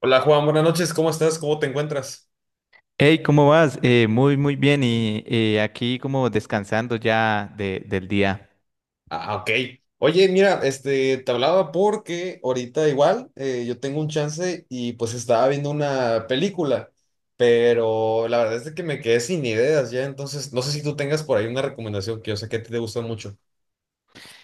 Hola Juan, buenas noches, ¿cómo estás? ¿Cómo te encuentras? Hey, ¿cómo vas? Muy, muy bien. Y aquí como descansando ya del día. Ah, ok. Oye, mira, te hablaba porque ahorita igual yo tengo un chance y pues estaba viendo una película, pero la verdad es de que me quedé sin ideas ya, entonces no sé si tú tengas por ahí una recomendación que yo sé que a ti te gusta mucho.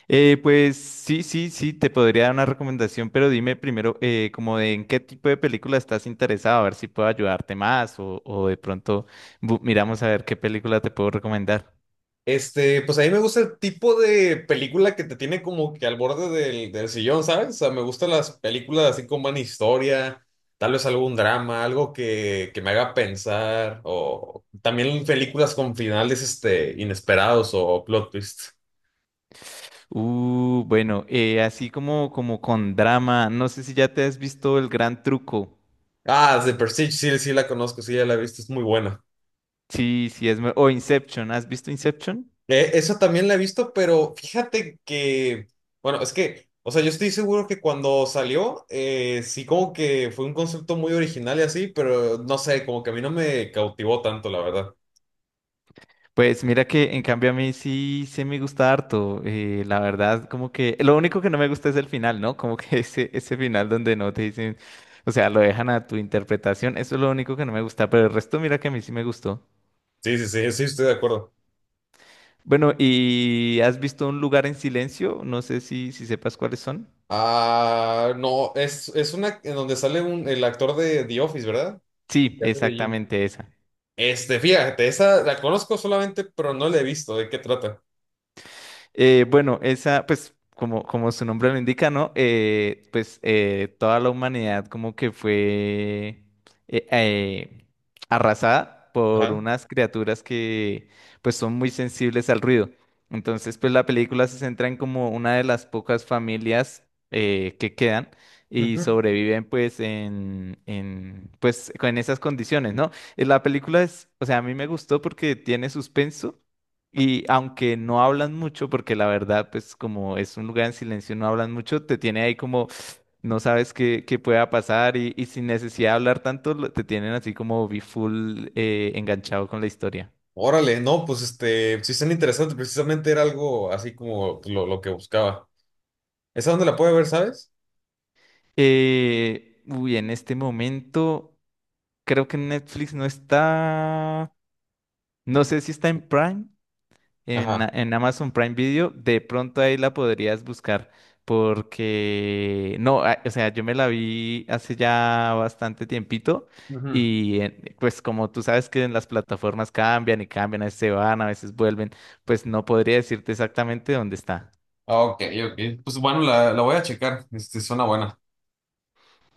Pues sí, sí, sí, te podría dar una recomendación, pero dime primero como de en qué tipo de película estás interesado, a ver si puedo ayudarte más o de pronto miramos a ver qué película te puedo recomendar. Este, pues a mí me gusta el tipo de película que te tiene como que al borde del sillón, ¿sabes? O sea, me gustan las películas así con buena historia, tal vez algún drama, algo que me haga pensar, o también películas con finales, este, inesperados o plot twist. Bueno, así como con drama, no sé si ya te has visto El Gran Truco. Ah, The Prestige, sí, sí la conozco, sí, ya la he visto, es muy buena. Sí, sí, o Inception, ¿has visto Inception? Esa también la he visto, pero fíjate que, bueno, es que, o sea, yo estoy seguro que cuando salió, sí como que fue un concepto muy original y así, pero no sé, como que a mí no me cautivó tanto, la verdad. Pues mira que en cambio a mí sí me gusta harto. La verdad, como que lo único que no me gusta es el final, ¿no? Como que ese final donde no te dicen, o sea, lo dejan a tu interpretación. Eso es lo único que no me gusta, pero el resto mira que a mí sí me gustó. Sí, sí, sí, sí, estoy de acuerdo. Bueno, ¿y has visto Un lugar en silencio? No sé si sepas cuáles son. Ah, no, es una en donde sale un, el actor de The Office, ¿verdad? Sí, Que hace de Jim. exactamente esa. Este, fíjate, esa la conozco solamente, pero no la he visto. ¿De qué trata? Bueno, esa, pues, como su nombre lo indica, ¿no? Pues toda la humanidad como que fue eh, eh, arrasada por Ajá. unas criaturas que pues son muy sensibles al ruido. Entonces, pues la película se centra en como una de las pocas familias que quedan y sobreviven pues con esas condiciones, ¿no? La película es, o sea, a mí me gustó porque tiene suspenso y aunque no hablan mucho, porque la verdad, pues como es un lugar en silencio, no hablan mucho, te tiene ahí como, no sabes qué pueda pasar y sin necesidad de hablar tanto, te tienen así como be full enganchado con la historia. Órale, no, pues este, sí están interesantes, precisamente era algo así como lo que buscaba. ¿Esa dónde la puede ver, sabes? Uy, en este momento creo que Netflix no está, no sé si está en Prime, en, Ajá. en Amazon Prime Video, de pronto ahí la podrías buscar. Porque no, o sea, yo me la vi hace ya bastante tiempito. Ujú. Y pues como tú sabes que en las plataformas cambian y cambian, a veces se van, a veces vuelven, pues no podría decirte exactamente dónde está. Ah, ok, ok. Pues bueno, la voy a checar. Este, suena buena.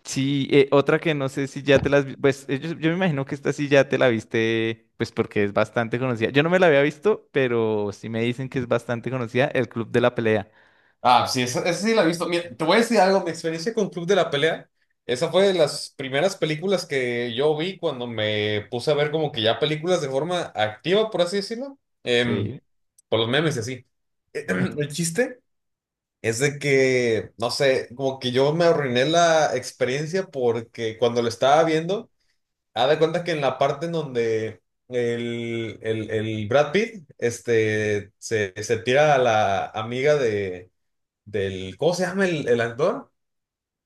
Sí, otra que no sé si ya te las pues yo me imagino que esta sí ya te la viste, pues porque es bastante conocida. Yo no me la había visto, pero sí me dicen que es bastante conocida, El Club de la Pelea. Ah, sí, esa sí la he visto. Mira, te voy a decir algo, mi experiencia con Club de la Pelea, esa fue de las primeras películas que yo vi cuando me puse a ver como que ya películas de forma activa, por así decirlo, Sí. por los memes y así. El chiste es de que, no sé, como que yo me arruiné la experiencia porque cuando lo estaba viendo, haz de cuenta que en la parte en donde el Brad Pitt este, se tira a la amiga de, del, ¿cómo se llama el actor?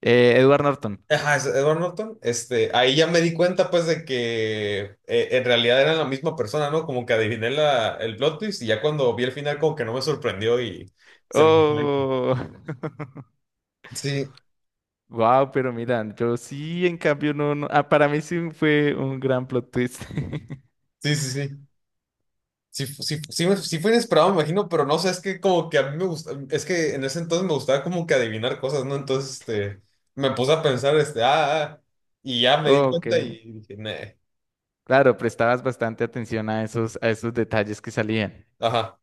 Edward Norton. Ajá, es Edward Norton. Este, ahí ya me di cuenta pues de que en realidad eran la misma persona, ¿no? Como que adiviné el plot twist y ya cuando vi el final como que no me sorprendió y se me... Oh, Sí, wow, pero mira, yo sí, en cambio, no, no. Ah, para mí sí fue un gran plot twist. sí, sí, sí. Sí fue inesperado, me imagino, pero no sé, es que como que a mí me gusta, es que en ese entonces me gustaba como que adivinar cosas, ¿no? Entonces, este, me puse a pensar, y ya me di Ok, cuenta y dije, "Neh". claro, prestabas bastante atención a esos, detalles que salían. Ajá.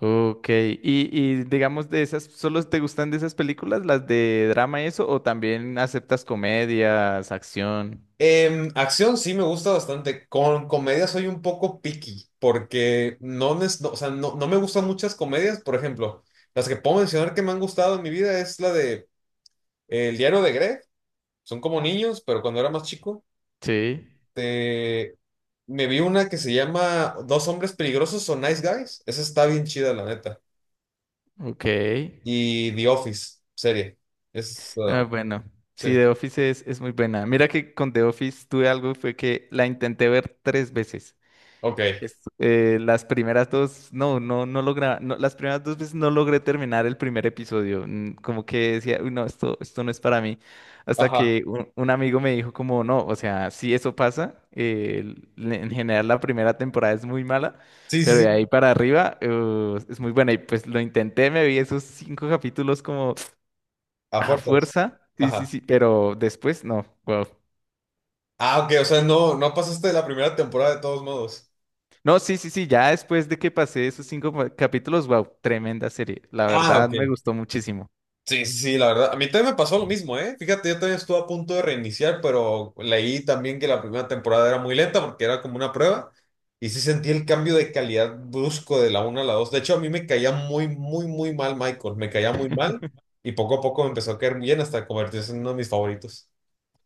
Ok, y digamos de esas, ¿solo te gustan de esas películas, las de drama y eso, o también aceptas comedias, acción? Acción sí me gusta bastante, con comedia soy un poco picky, porque no, o sea, no me gustan muchas comedias, por ejemplo, las que puedo mencionar que me han gustado en mi vida es la de El diario de Greg, son como niños, pero cuando era más chico, Sí, me vi una que se llama Dos hombres peligrosos o Nice Guys. Esa está bien chida, la neta. ok. Y The Office, serie. Es, Ah, ah, bueno, sí, sí, The Office es, muy buena. Mira que con The Office tuve algo, fue que la intenté ver tres veces. ok. Las primeras dos, no, no, no logra, no, las primeras dos veces no logré terminar el primer episodio. Como que decía, uy, no, esto, no es para mí. Hasta Ajá. que un amigo me dijo como, no, o sea, sí eso pasa. En general la primera temporada es muy mala, Sí, sí, pero de sí. ahí para arriba es muy buena. Y pues lo intenté, me vi esos cinco capítulos como. A A fuerzas. fuerza, sí, sí, Ajá. sí, pero después no, wow. Ah, ok, o sea, no, no pasaste la primera temporada de todos modos. No, sí, sí, sí, ya después de que pasé esos cinco capítulos, wow, tremenda serie. La Ah, verdad ok. me gustó muchísimo. Sí, sí, sí, la verdad. A mí también me pasó lo mismo, ¿eh? Fíjate, yo también estuve a punto de reiniciar, pero leí también que la primera temporada era muy lenta porque era como una prueba. Y sí sentí el cambio de calidad brusco de la 1 a la 2. De hecho, a mí me caía muy, muy, muy mal Michael. Me caía muy mal y poco a poco me empezó a caer bien hasta convertirse en uno de mis favoritos.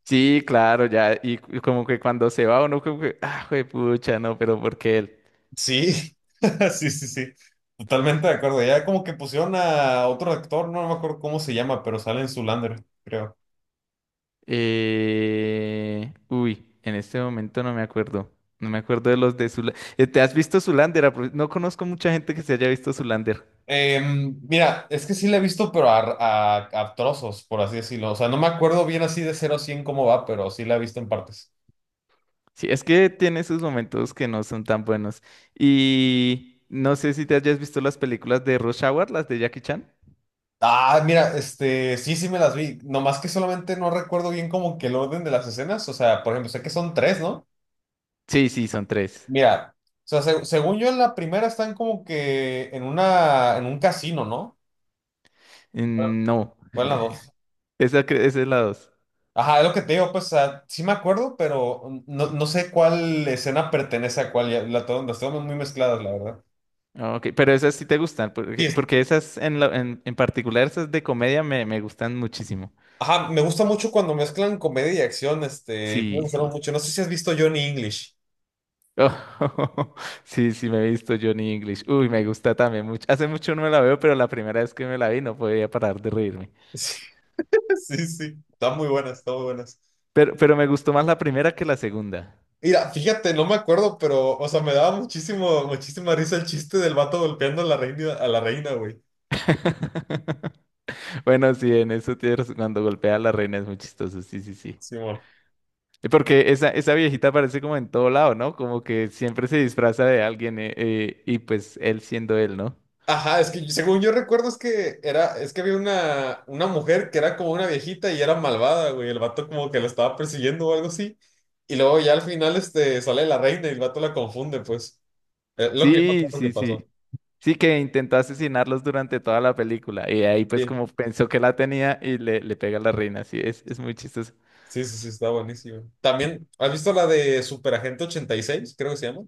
Sí, claro, ya, y como que cuando se va uno, como que, ah, pucha, no, pero ¿por qué él? Sí, sí, sí, sí. Totalmente de acuerdo. Ya como que pusieron a otro actor, no me acuerdo cómo se llama, pero sale en Zoolander, creo. Uy, en este momento no me acuerdo. No me acuerdo de los de Zulander. ¿Te has visto Zulander? No conozco mucha gente que se haya visto Zulander. Mira, es que sí la he visto, pero a trozos, por así decirlo. O sea, no me acuerdo bien así de cero a 100 cómo va, pero sí la he visto en partes. Sí, es que tiene sus momentos que no son tan buenos. Y no sé si te hayas visto las películas de Rush Hour, las de Jackie Chan. Ah, mira, este, sí, sí me las vi. Nomás que solamente no recuerdo bien como que el orden de las escenas. O sea, por ejemplo, sé que son tres, ¿no? Sí, sí, son tres. Mira, o sea, según yo en la primera están como que en una, en un casino, ¿no? No, ¿Cuál la dos? esa, esa es la dos. Ajá, es lo que te digo, pues, o sea, sí me acuerdo, pero no, no sé cuál escena pertenece a cuál. Las tengo muy mezcladas, la verdad. Ah, Ok, pero esas sí te gustan, porque, Sí, esas en particular, esas de comedia me gustan muchísimo. ajá, me gusta mucho cuando mezclan comedia y acción, este, me Sí, gustaron sí. mucho. No sé si has visto Johnny English. Oh, sí, sí, me he visto Johnny English. Uy, me gusta también mucho. Hace mucho no me la veo, pero la primera vez que me la vi no podía parar de reírme. Sí, sí, sí, están muy buenas, están muy buenas. Pero me gustó más la primera que la segunda. Mira, fíjate, no me acuerdo, pero, o sea, me daba muchísimo, muchísima risa el chiste del vato golpeando a la reina, güey. Bueno, sí, en eso tienes razón. Cuando golpea a la reina es muy chistoso, sí, sí, sí. Simón. Y porque esa, viejita aparece como en todo lado, ¿no? Como que siempre se disfraza de alguien y pues él siendo él, ¿no? Ajá, es que según yo recuerdo es que había una mujer que era como una viejita y era malvada, güey. El vato como que la estaba persiguiendo o algo así. Y luego ya al final, este, sale la reina y el vato la confunde, pues. Lo que yo me Sí, acuerdo que sí, sí. pasó. Sí que intentó asesinarlos durante toda la película y ahí pues Sí. como pensó que la tenía y le pega a la reina, sí, es muy chistoso. Sí, sí, sí, está buenísimo. También, ¿has visto la de Superagente 86, creo que se llama?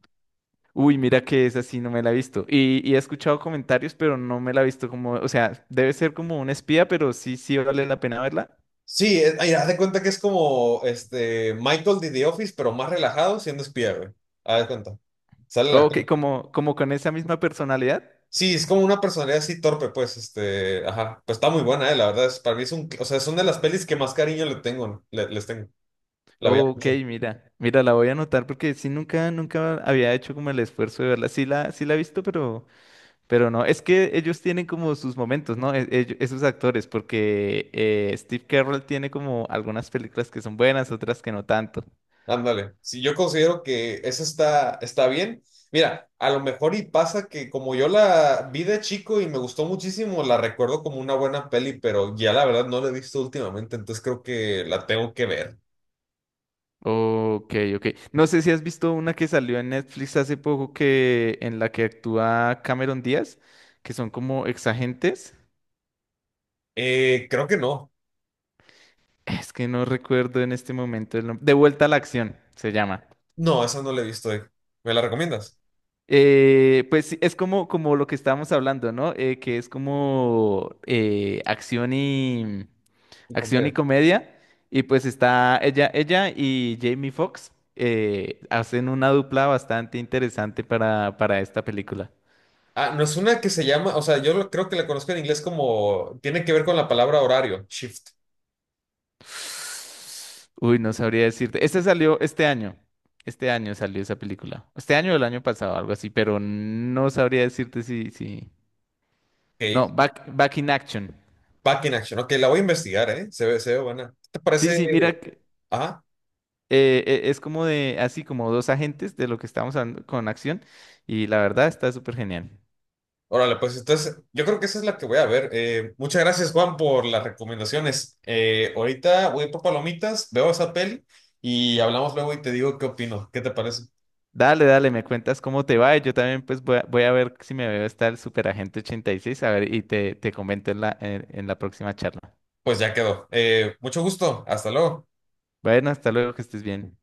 Uy, mira que esa sí no me la he visto. Y he escuchado comentarios, pero no me la he visto como, o sea, debe ser como un espía, pero sí, vale la pena verla. Sí, ay, haz de cuenta que es como este Michael de The Office, pero más relajado siendo espía, güey. Haz de cuenta. Sale el Ok, actor. Como con esa misma personalidad. Sí, es como una personalidad así torpe, pues, este, ajá. Pues está muy buena, la verdad. Es, para mí es un, o sea, son de las pelis que más cariño le tengo, ¿no? Les tengo. La veía Ok, mucho. mira, mira, la voy a anotar porque sí nunca, nunca había hecho como el esfuerzo de verla. Sí la he visto, pero, no. Es que ellos tienen como sus momentos, ¿no? Esos actores, porque Steve Carell tiene como algunas películas que son buenas, otras que no tanto. Ándale, si yo considero que esa está bien. Mira, a lo mejor y pasa que como yo la vi de chico y me gustó muchísimo, la recuerdo como una buena peli, pero ya la verdad no la he visto últimamente, entonces creo que la tengo que ver. Ok, ok. No sé si has visto una que salió en Netflix hace poco que en la que actúa Cameron Díaz, que son como exagentes. Creo que no. Es que no recuerdo en este momento el nombre. De vuelta a la acción, se llama. No, esa no la he visto. Eh. ¿Me la recomiendas? Pues sí, es como lo que estábamos hablando, ¿no? Que es como acción y Y acción y comedia. comedia. Y pues está ella, y Jamie Foxx hacen una dupla bastante interesante para esta película. Ah, no es una que se llama, o sea, creo que la conozco en inglés como, tiene que ver con la palabra horario, shift. Uy, no sabría decirte. Este salió este año. Este año salió esa película. Este año o el año pasado, algo así, pero no sabría decirte si. No, Ok, Back in Action. back in action. Ok, la voy a investigar, ¿eh? Se ve buena. ¿Qué te parece? Sí, sí, mira, Ajá. Es como así como dos agentes de lo que estamos hablando con acción y la verdad está súper genial. Órale, pues entonces yo creo que esa es la que voy a ver. Muchas gracias, Juan, por las recomendaciones. Ahorita voy por palomitas, veo esa peli y hablamos luego y te digo qué opino. ¿Qué te parece? Dale, dale, me cuentas cómo te va y yo también pues voy a ver si me veo hasta el Super Agente seis a ver, y te comento en la, en la próxima charla. Pues ya quedó. Mucho gusto. Hasta luego. Bueno, hasta luego, que estés bien.